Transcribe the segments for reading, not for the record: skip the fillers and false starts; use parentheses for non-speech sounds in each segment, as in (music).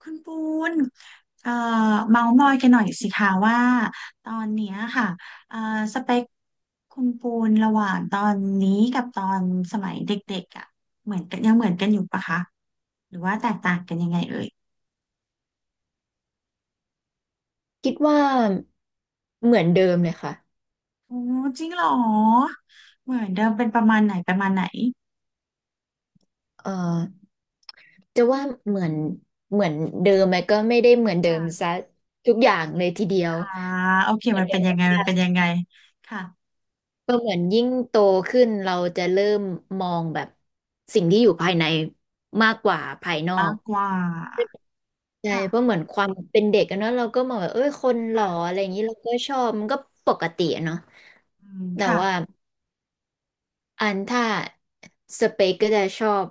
คุณปูนเอ่อเมาส์มอยกันหน่อยสิคะว่าตอนเนี้ยค่ะเอ่อสเปคคุณปูนระหว่างตอนนี้กับตอนสมัยเด็กๆอ่ะเหมือนกันยังเหมือนกันอยู่ปะคะหรือว่าแตกต่างกันยังไงเอ่ยคิดว่าเหมือนเดิมเลยค่ะโอ้จริงเหรอเหมือนเดิมเป็นประมาณไหนประมาณไหนเอ่อจะว่าเหมือนเหมือนเดิมไหมก็ไม่ได้เหมือนเดิมค่ะซะทุกอย่างเลยทีเดียวอ่าโอเคเหมือนมันเดิเป็นมยังไงมันเป็นยังไงค่ะก็เหมือนยิ่งโตขึ้นเราจะเริ่มมองแบบสิ่งที่อยู่ภายในมากกว่าภายนอมากกกว่าใช่ค่ะเพราะเหมือนความเป็นเด็กกันเนาะเราก็มองแบบเอ้ยคนหล่ออะค่ะไรอย่างนี้เราก็ชอบมันก็ปกติอะเนาะอืมแต่ค่ะว่า อันถ้าสเปกก็จะชอบ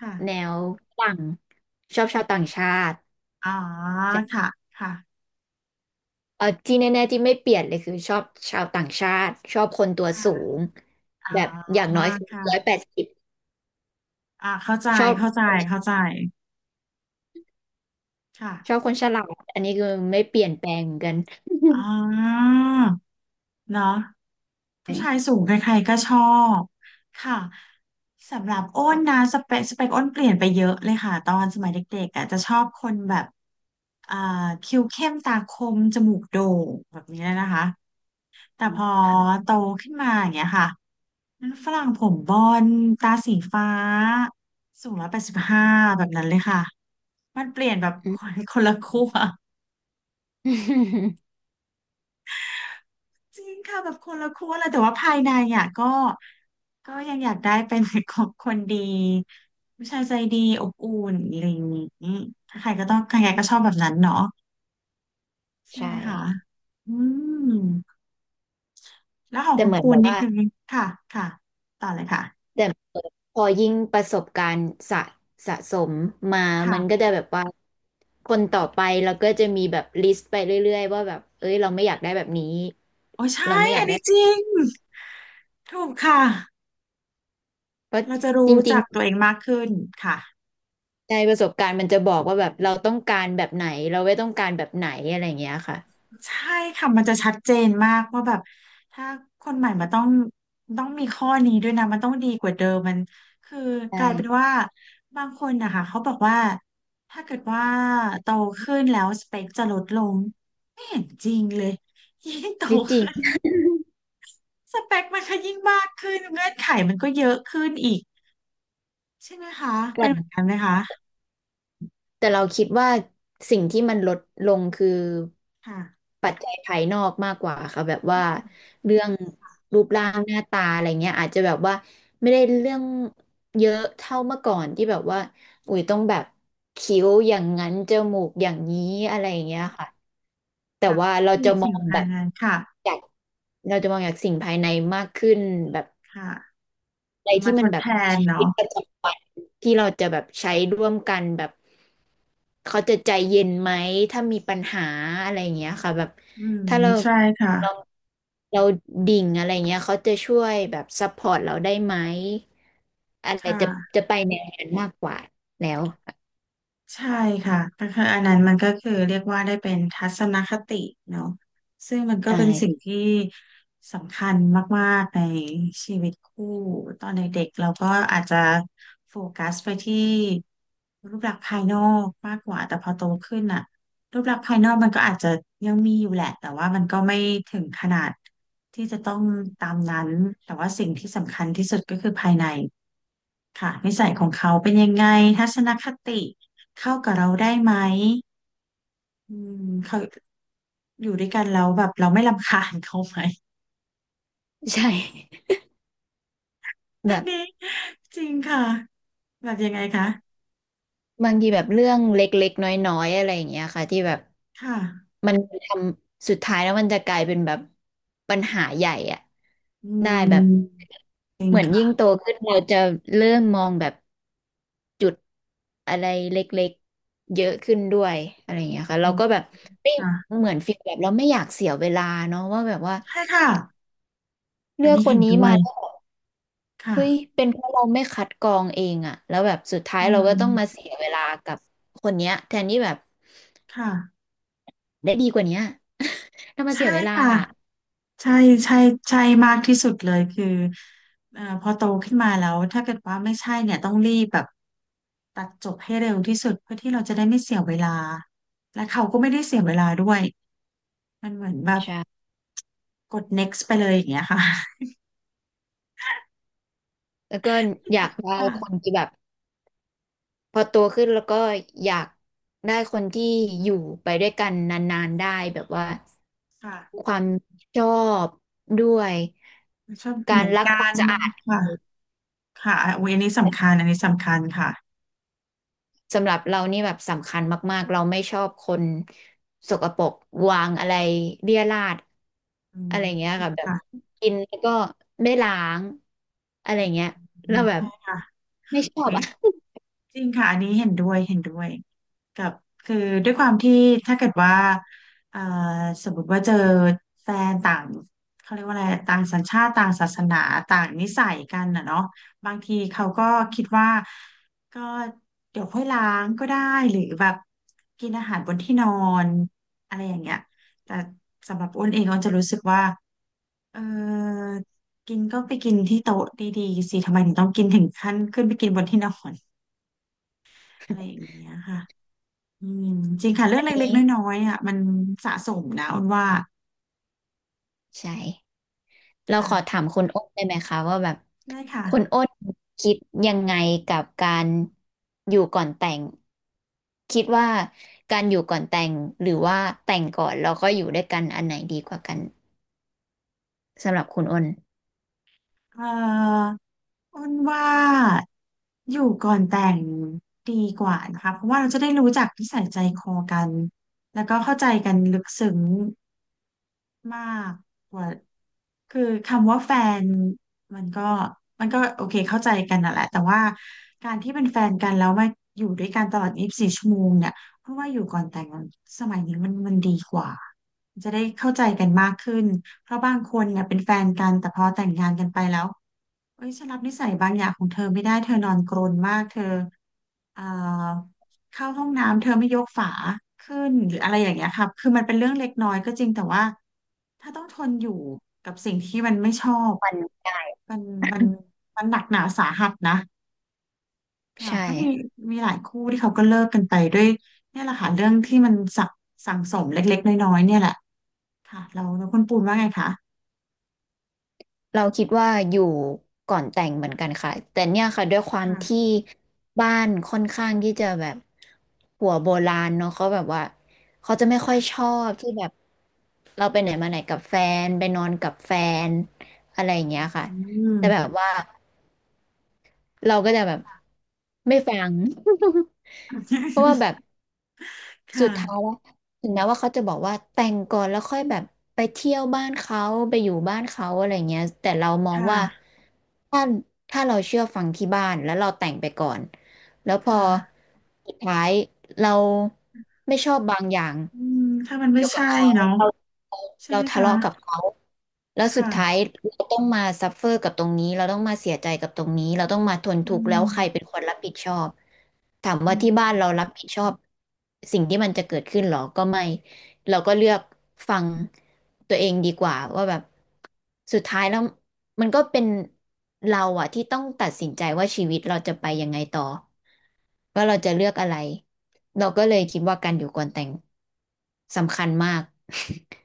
ค่ะแนวฝรั่งชอบชาวต่างชาติอ๋อจะค่ะค่ะเออที่แน่ๆที่ไม่เปลี่ยนเลยคือชอบชาวต่างชาติชอบคนตัวสูค่ะ งอ่าแบบอย่างน้อยคือค่ะ180อ่าเข้าใจ ชอบเข้าใจ เข้าใจ ชอบค่ะคนฉลาดอันนี้คือไม่เปลี่ยนแปลงเหมือนกัน (laughs) อ่าเนาะผู้ใช่ชายสูงใครๆก็ชอบ ค่ะสำหรับอ้นนะค่ะสเปคสเปคอ้นเปลี่ยนไปเยอะเลยค่ะตอนสมัยเด็กๆอ่ะจะชอบคนแบบอ่าคิ้วเข้มตาคมจมูกโด่งแบบนี้นะคะแต่พอค่ะโตขึ้นมาอย่างเงี้ยค่ะฝรั่งผมบอนด์ตาสีฟ้าสูง185แบบนั้นเลยค่ะ มันเปลี่ยนแบบ อื (laughs) คม นคนละขั้ว (laughs) จริงค่ะแบบคนละขั้วเลยแต่ว่าภายในอ่ะก็ก็ยังอยากได้เป็น (laughs) ของคนดีผู้ชายใจดีอบอุ่นอะไรอย่างนี้ถ้าใครก็ต้องใครๆก็ชอบแบบนั้นเนาะใช่ใช่ไหมคะอืมแล้วของแต่คุเหณมือนปูแบนบนี่ว่า คือค่ะค่ะต่อเลยค่ะแต่พอยิ่งประสบการณ์สะสมมามันก็ค่ะจะแบบว่าคนต่อไปเราก็จะมีแบบลิสต์ไปเรื่อยๆว่าแบบเอ้ยเราไม่อยากได้แบบนี้โอ้เราใช่ไม่ออัยากนได้นี้แบจบริงถูกค่ะเพราะเราจะจรู้ริงจักตัวเองมากขึ้นค่ะ ๆในประสบการณ์มันจะบอกว่าแบบเราต้องการแบบไหนเราไม่ต้องการแบบไหนอะไรอย่างเงี้ยค่ะใช่ค่ะมันจะชัดเจนมากว่าแบบถ้าคนใหม่มาต้องต้องมีข้อนี้ด้วยนะมันต้องดีกว่าเดิมมันคือกลายเป็นใช่ว่าบางคนนะคะเขาบอกว่าถ้าเกิดว่าโตขึ้นแล้วสเปคจะลดลงไม่เห็นจริงเลยยิ่งโตไม่จริง ขึ้นสเปคมันก็ยิ่งมากขึ้นเงื่อนไขมันก็เยอะขึ้นอีกใช่ไหมคะเป็นเหมือนกันไหมคะแต่เราคิดว่าสิ่งที่มันลดลงคือค่ะปัจจัยภายนอกมากกว่าค่ะแบบอืว่ามเรื่องรูปร่างหน้าตาอะไรเงี้ยอาจจะแบบว่าไม่ได้เรื่องเยอะเท่าเมื่อก่อนที่แบบว่าอุ้ยต้องแบบคิ้วอย่างนั้นจมูกอย่างนี้อะไรอย่างเงี้ยค่ะแต่ค่ะว่าเรามีจะมอสิ่งงแบภายบในค่ะจากเราจะมองจากสิ่งภายในมากขึ้นแบบ ค่ะอะไรมาที่ทมันดแบบแทนชีวิเนาะตประจำวันที่เราจะแบบใช้ร่วมกันแบบเขาจะใจเย็นไหมถ้ามีปัญหาอะไรอย่างเงี้ยค่ะแบบอืมถ้าใช่ค่ะ เราเราดิ่งอะไรเงี้ยเขาจะช่วยแบบซัพพอร์ตเราได้ไหมอะคไรจะ่ะจะไปแนวนั้นมากกว่าแล้วใช่ค่ะก็คืออันนั้นมันก็คือเรียกว่าได้เป็นทัศนคติเนาะซึ่งมันก็อ่เป็นสิ่งาที่สำคัญมากๆในชีวิตคู่ตอนเด็กๆเราก็อาจจะโฟกัสไปที่รูปลักษณ์ภายนอกมากกว่าแต่พอโตขึ้นอะรูปลักษณ์ภายนอกมันก็อาจจะยังมีอยู่แหละแต่ว่ามันก็ไม่ถึงขนาดที่จะต้องตามนั้นแต่ว่าสิ่งที่สำคัญที่สุดก็คือภายใน ค่ะนิสัยของเขาเป็นยังไงทัศนคติเข้ากับเราได้ไหมอืมเขาอยู่ด้วยกันแล้วแบบเราไม่รำคาญเขาไหมใช่ (laughs) แบอันบ นี้จริงค่ะแบบยังไงคะบางทีแบบเรื่องเล็กๆน้อยๆอะไรอย่างเงี้ยค่ะที่แบบค่ะมันทำสุดท้ายแล้วมันจะกลายเป็นแบบปัญหาใหญ่อะอืได้แบบมจริงเหมือนยิ่งค่ะโตขึ้นเราจะเริ่มมองแบบอะไรเล็กๆเยอะขึ้นด้วยอะไรอย่างเงี้ยค่ะอืเรามก็แบบไม่ค่ะเหมือนฟีลแบบเราไม่อยากเสียเวลาเนาะว่าแบบว่าใช่ค่ะอัเลืนอกนี้คเห็นนนี้ด้วมายแล้วแบบเฮ้ยค่ะเป็นเพราะเราไม่คัดกรองเองอะแล้วแบบสุดท้ายอืเราก็ต้องมามเสียเวลากับคนเนี้ยแทนที่แบบ ค่ะได้ดีกว่าเนี้ย (laughs) ถ้ามาใช่เสียเวลาค่ะ อะใช่ใช่ใช่มากที่สุดเลยคือพอโตขึ้นมาแล้วถ้าเกิดว่าไม่ใช่เนี่ยต้องรีบแบบตัดจบให้เร็วที่สุดเพื่อที่เราจะได้ไม่เสียเวลาและเขาก็ไม่ได้เสียเวลาด้วยมันเหมือนแบบใช่กด next ไปเลยอย่างเงี้ยค่ะแล้วก็อยากได้คนค่ะที่แบบพอโตขึ้นแล้วก็อยากได้คนที่อยู่ไปด้วยกันนานๆได้แบบว่าค่ะความชอบด้วยชอบเหการมือนรักกัความนสะอาดค่ะค่ะอยอันนี้สำคัญอันนี้สำคัญค่ะสำหรับเรานี่แบบสำคัญมากๆเราไม่ชอบคนสกปรกวางอะไรเรี่ยราดอือะมไรเงี้ยจริงค่ะแบบค่ะกินแล้วก็ไม่ล้างอะไรเงี้ยอืเรามแบบใช่ค่ะ ไม่ชอเว้บยอะ จริงค่ะอันนี้เห็นด้วยเห็นด้วยกับคือด้วยความที่ถ้าเกิดว่าเอ่อสมมติว่าเจอแฟนต่างเขาเรียกว่าอะไรต่างสัญชาติต่างศาสนาต่างนิสัยกันน่ะเนาะบางทีเขาก็คิดว่าก็เดี๋ยวค่อยล้างก็ได้หรือแบบกินอาหารบนที่นอนอะไรอย่างเงี้ยแต่สำหรับอ้นเองอ้นจะรู้สึกว่า เออกินก็ไปกินที่โต๊ะดีๆสิทำไมถึงต้องกินถึงขั้นขึ้นไปกินบนที่นอน (laughs) อะไรอย่างเงี้ยค่ะอืมจริงค่ะเรื่องเล็กนี้ๆน้อยๆอ่ะมันสะสมนะอ้นว่าใช่เราขอถาค่ะมคุณอ้นได้ไหมคะว่าแบบได้ค่ะคุณอ้นคิดยังไงกับการอยู่ก่อนแต่งคิดว่าการอยู่ก่อนแต่งหรือว่าแต่งก่อนแล้วก็อยู่ด้วยกันอันไหนดีกว่ากันสำหรับคุณอ้นเอออ้นว่าอยู่ก่อนแต่งดีกว่านะคะเพราะว่าเราจะได้รู้จักนิสัยใจคอกันแล้วก็เข้าใจกันลึกซึ้งมากกว่า คือคำว่าแฟนมันก็มันก็โอเคเข้าใจกันน่ะแหละแต่ว่าการที่เป็นแฟนกันแล้วมาอยู่ด้วยกันตลอด24 ชั่วโมงเนี่ยเพราะว่าอยู่ก่อนแต่งงานสมัยนี้มันมันดีกว่าจะได้เข้าใจกันมากขึ้นเพราะบางคนเนี่ยเป็นแฟนกันแต่พอแต่งงานกันไปแล้ว เอ้ยฉันรับนิสัยบางอย่างของเธอไม่ได้เธอนอนกรนมากเธอเอ่อเข้าห้องน้ำเธอไม่ยกฝาขึ้นหรืออะไรอย่างเงี้ยครับคือมันเป็นเรื่องเล็กน้อยก็จริงแต่ว่าถ้าต้องทนอยู่กับสิ่งที่มันไม่ชอบวันได้มันมันมันหนักหนาสาหัสนะค่ะใช่ ก็มีมีหลายคู่ที่เขาก็เลิกกันไปด้วยเนี่ยแหละค่ะเรื่องที่มันสักสั่งสมเล็กๆน้อยๆเนี่ยแหละค่ะเราเราคุณปูนว่าไงคะเราคิดว่าอยู่ก่อนแต่งเหมือนกันค่ะแต่เนี่ยค่ะด้วยความค่ะที่บ้านค่อนข้างที่จะแบบหัวโบราณเนาะเขาแบบว่าเขาจะไม่ค่อค่ะยชอบที่แบบเราไปไหนมาไหนกับแฟนไปนอนกับแฟนอะไรอย่างเงี้ยค่ะอืแต่แบม บว่าเราก็จะแบบไม่ฟัง (laughs) เพราะว่าแบบ (laughs) คสุดท้าย่ะแล้วถึงแม้ว่าเขาจะบอกว่าแต่งก่อนแล้วค่อยแบบไปเที่ยวบ้านเขาไปอยู่บ้านเขาอะไรเงี้ยแต่เรามอคงว่า่ะถ้าถ้าเราเชื่อฟังที่บ้านแล้วเราแต่งไปก่อนแล้วพคอ่ะ สุดท้ายเราไม่ชอบบางอย่างอืมถ้ามันไม่เกี่ยวกับใช่เขา เนาะใช่เราไหมทะคะเลาะกับเขาแล้วสุดท้ายค่ะเราต้องมาซัฟเฟอร์กับตรงนี้เราต้องมาเสียใจกับตรงนี้เราต้องมาทนอืทุกข์แล้วใครมเป็นคนรับผิดชอบถามอืว่าที่บ้ามนเรารับผิดชอบสิ่งที่มันจะเกิดขึ้นหรอก็ไม่เราก็เลือกฟังตัวเองดีกว่าว่าแบบสุดท้ายแล้วมันก็เป็นเราอะที่ต้องตัดสินใจว่าชีวิตเราจะไปยังไงต่อว่าเราจะเลือกอะไรเราก็เลยคิดว่าการอยู่ก่อนแต่งสำคัญมาก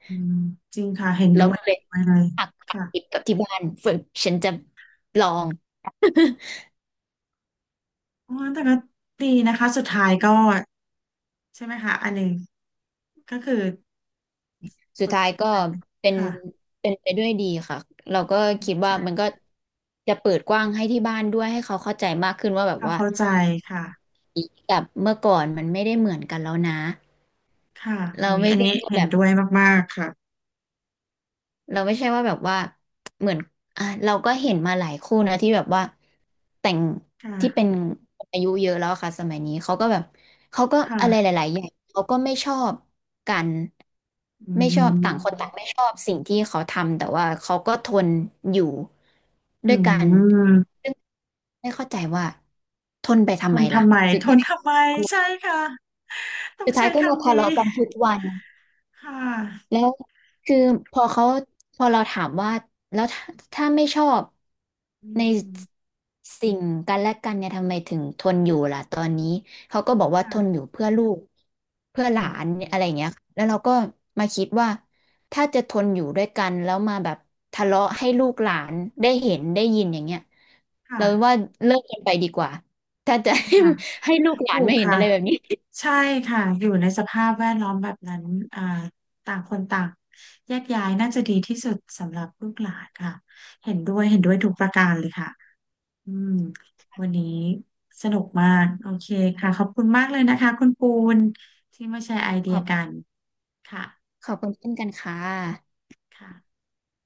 อืมจริงค่ะเห็น (laughs) แล้ด้ววยก็เลเห็ย นด้วยเลยหักติดค่ะกับที่บ้านฝึกฉันจะลอง (laughs) อ๋อแต่ก็ดีนะคะสุดท้ายก็ใช่ไหมคะอันหนึ่งก็คือผสุดลท้ายก็กลายเป็นเป็นค่ะเป็นไปด้วยดีค่ะ เราก็คิดว่ามันใช่ก็จะเปิดกว้างให้ที่บ้านด้วยให้เขาเข้าใจมากขึ้นว่าแบบค่ะว่าเข้าใจค่ะแบบเมื่อก่อนมันไม่ได้เหมือนกันแล้วนะ ค่ะเราอุ้ยไม่อันใช่นี้ว่าเห็แบนบ ด้วยมากๆค่ะเราไม่ใช่ว่าแบบว่าเหมือนอ่ะเราก็เห็นมาหลายคู่นะที่แบบว่าแต่งคที่เป็น่ะคนอายุเยอะแล้วอะค่ะสมัยนี้เขาก็แบบเขาก็อะไรหค่ะลายๆอย่างเขาก็ไม่ชอบกันอืไม่ชอบต่างคนมต่างไม่ชอบสิ่งที่เขาทำแต่ว่าเขาก็ทนอยู่อืด้วยกันมซึ่งไม่เข้าใจว่าทนไปททำไมนล่ะทำไมสุดทนท้ายทำไมใช่ค่ะต้องสุดท้าใช้ยก็มาคำทะนี้เลาะกันทุกวัน ค่ะแล้วคือพอเขาพอเราถามว่าแล้วถ้าไม่ชอบอืในม สิ่งกันและกันเนี่ยทำไมถึงทนอยู่ล่ะตอนนี้เขาก็บอกว่าทนค่ะอยู่เพื่อลูกเพื่อหลาโหนอะไรอย่างเงี้ยค่ะแล้วเราก็มาคิดว่าถ้าจะทนอยู่ด้วยกันแล้วมาแบบทะเลาะให้ลูกหลานได้เห็นได้ยินอย่างเงี้ยเราว่าค่ะ เลิกกันไปดีกว่าถ้าจะ จริง (laughs) ให้ค่ะให้ลูกหลาถูนกไม่เห็นค่ะ อะไรแบบนี้ใช่ค่ะ อยู่ในสภาพแวดล้อมแบบนั้นอ่าต่างคนต่างแยกย้ายน่าจะดีที่สุดสำหรับลูกหลานค่ะ เห็นด้วยเห็นด้วยทุกประการเลยค่ะอืมวันนี้สนุกมากโอเคค่ะขอบคุณมากเลยนะคะคุณปูนที่มาแชร์ไอเดีขยอบกันค่ะขอบคุณเช่นกันค่ะค่ะ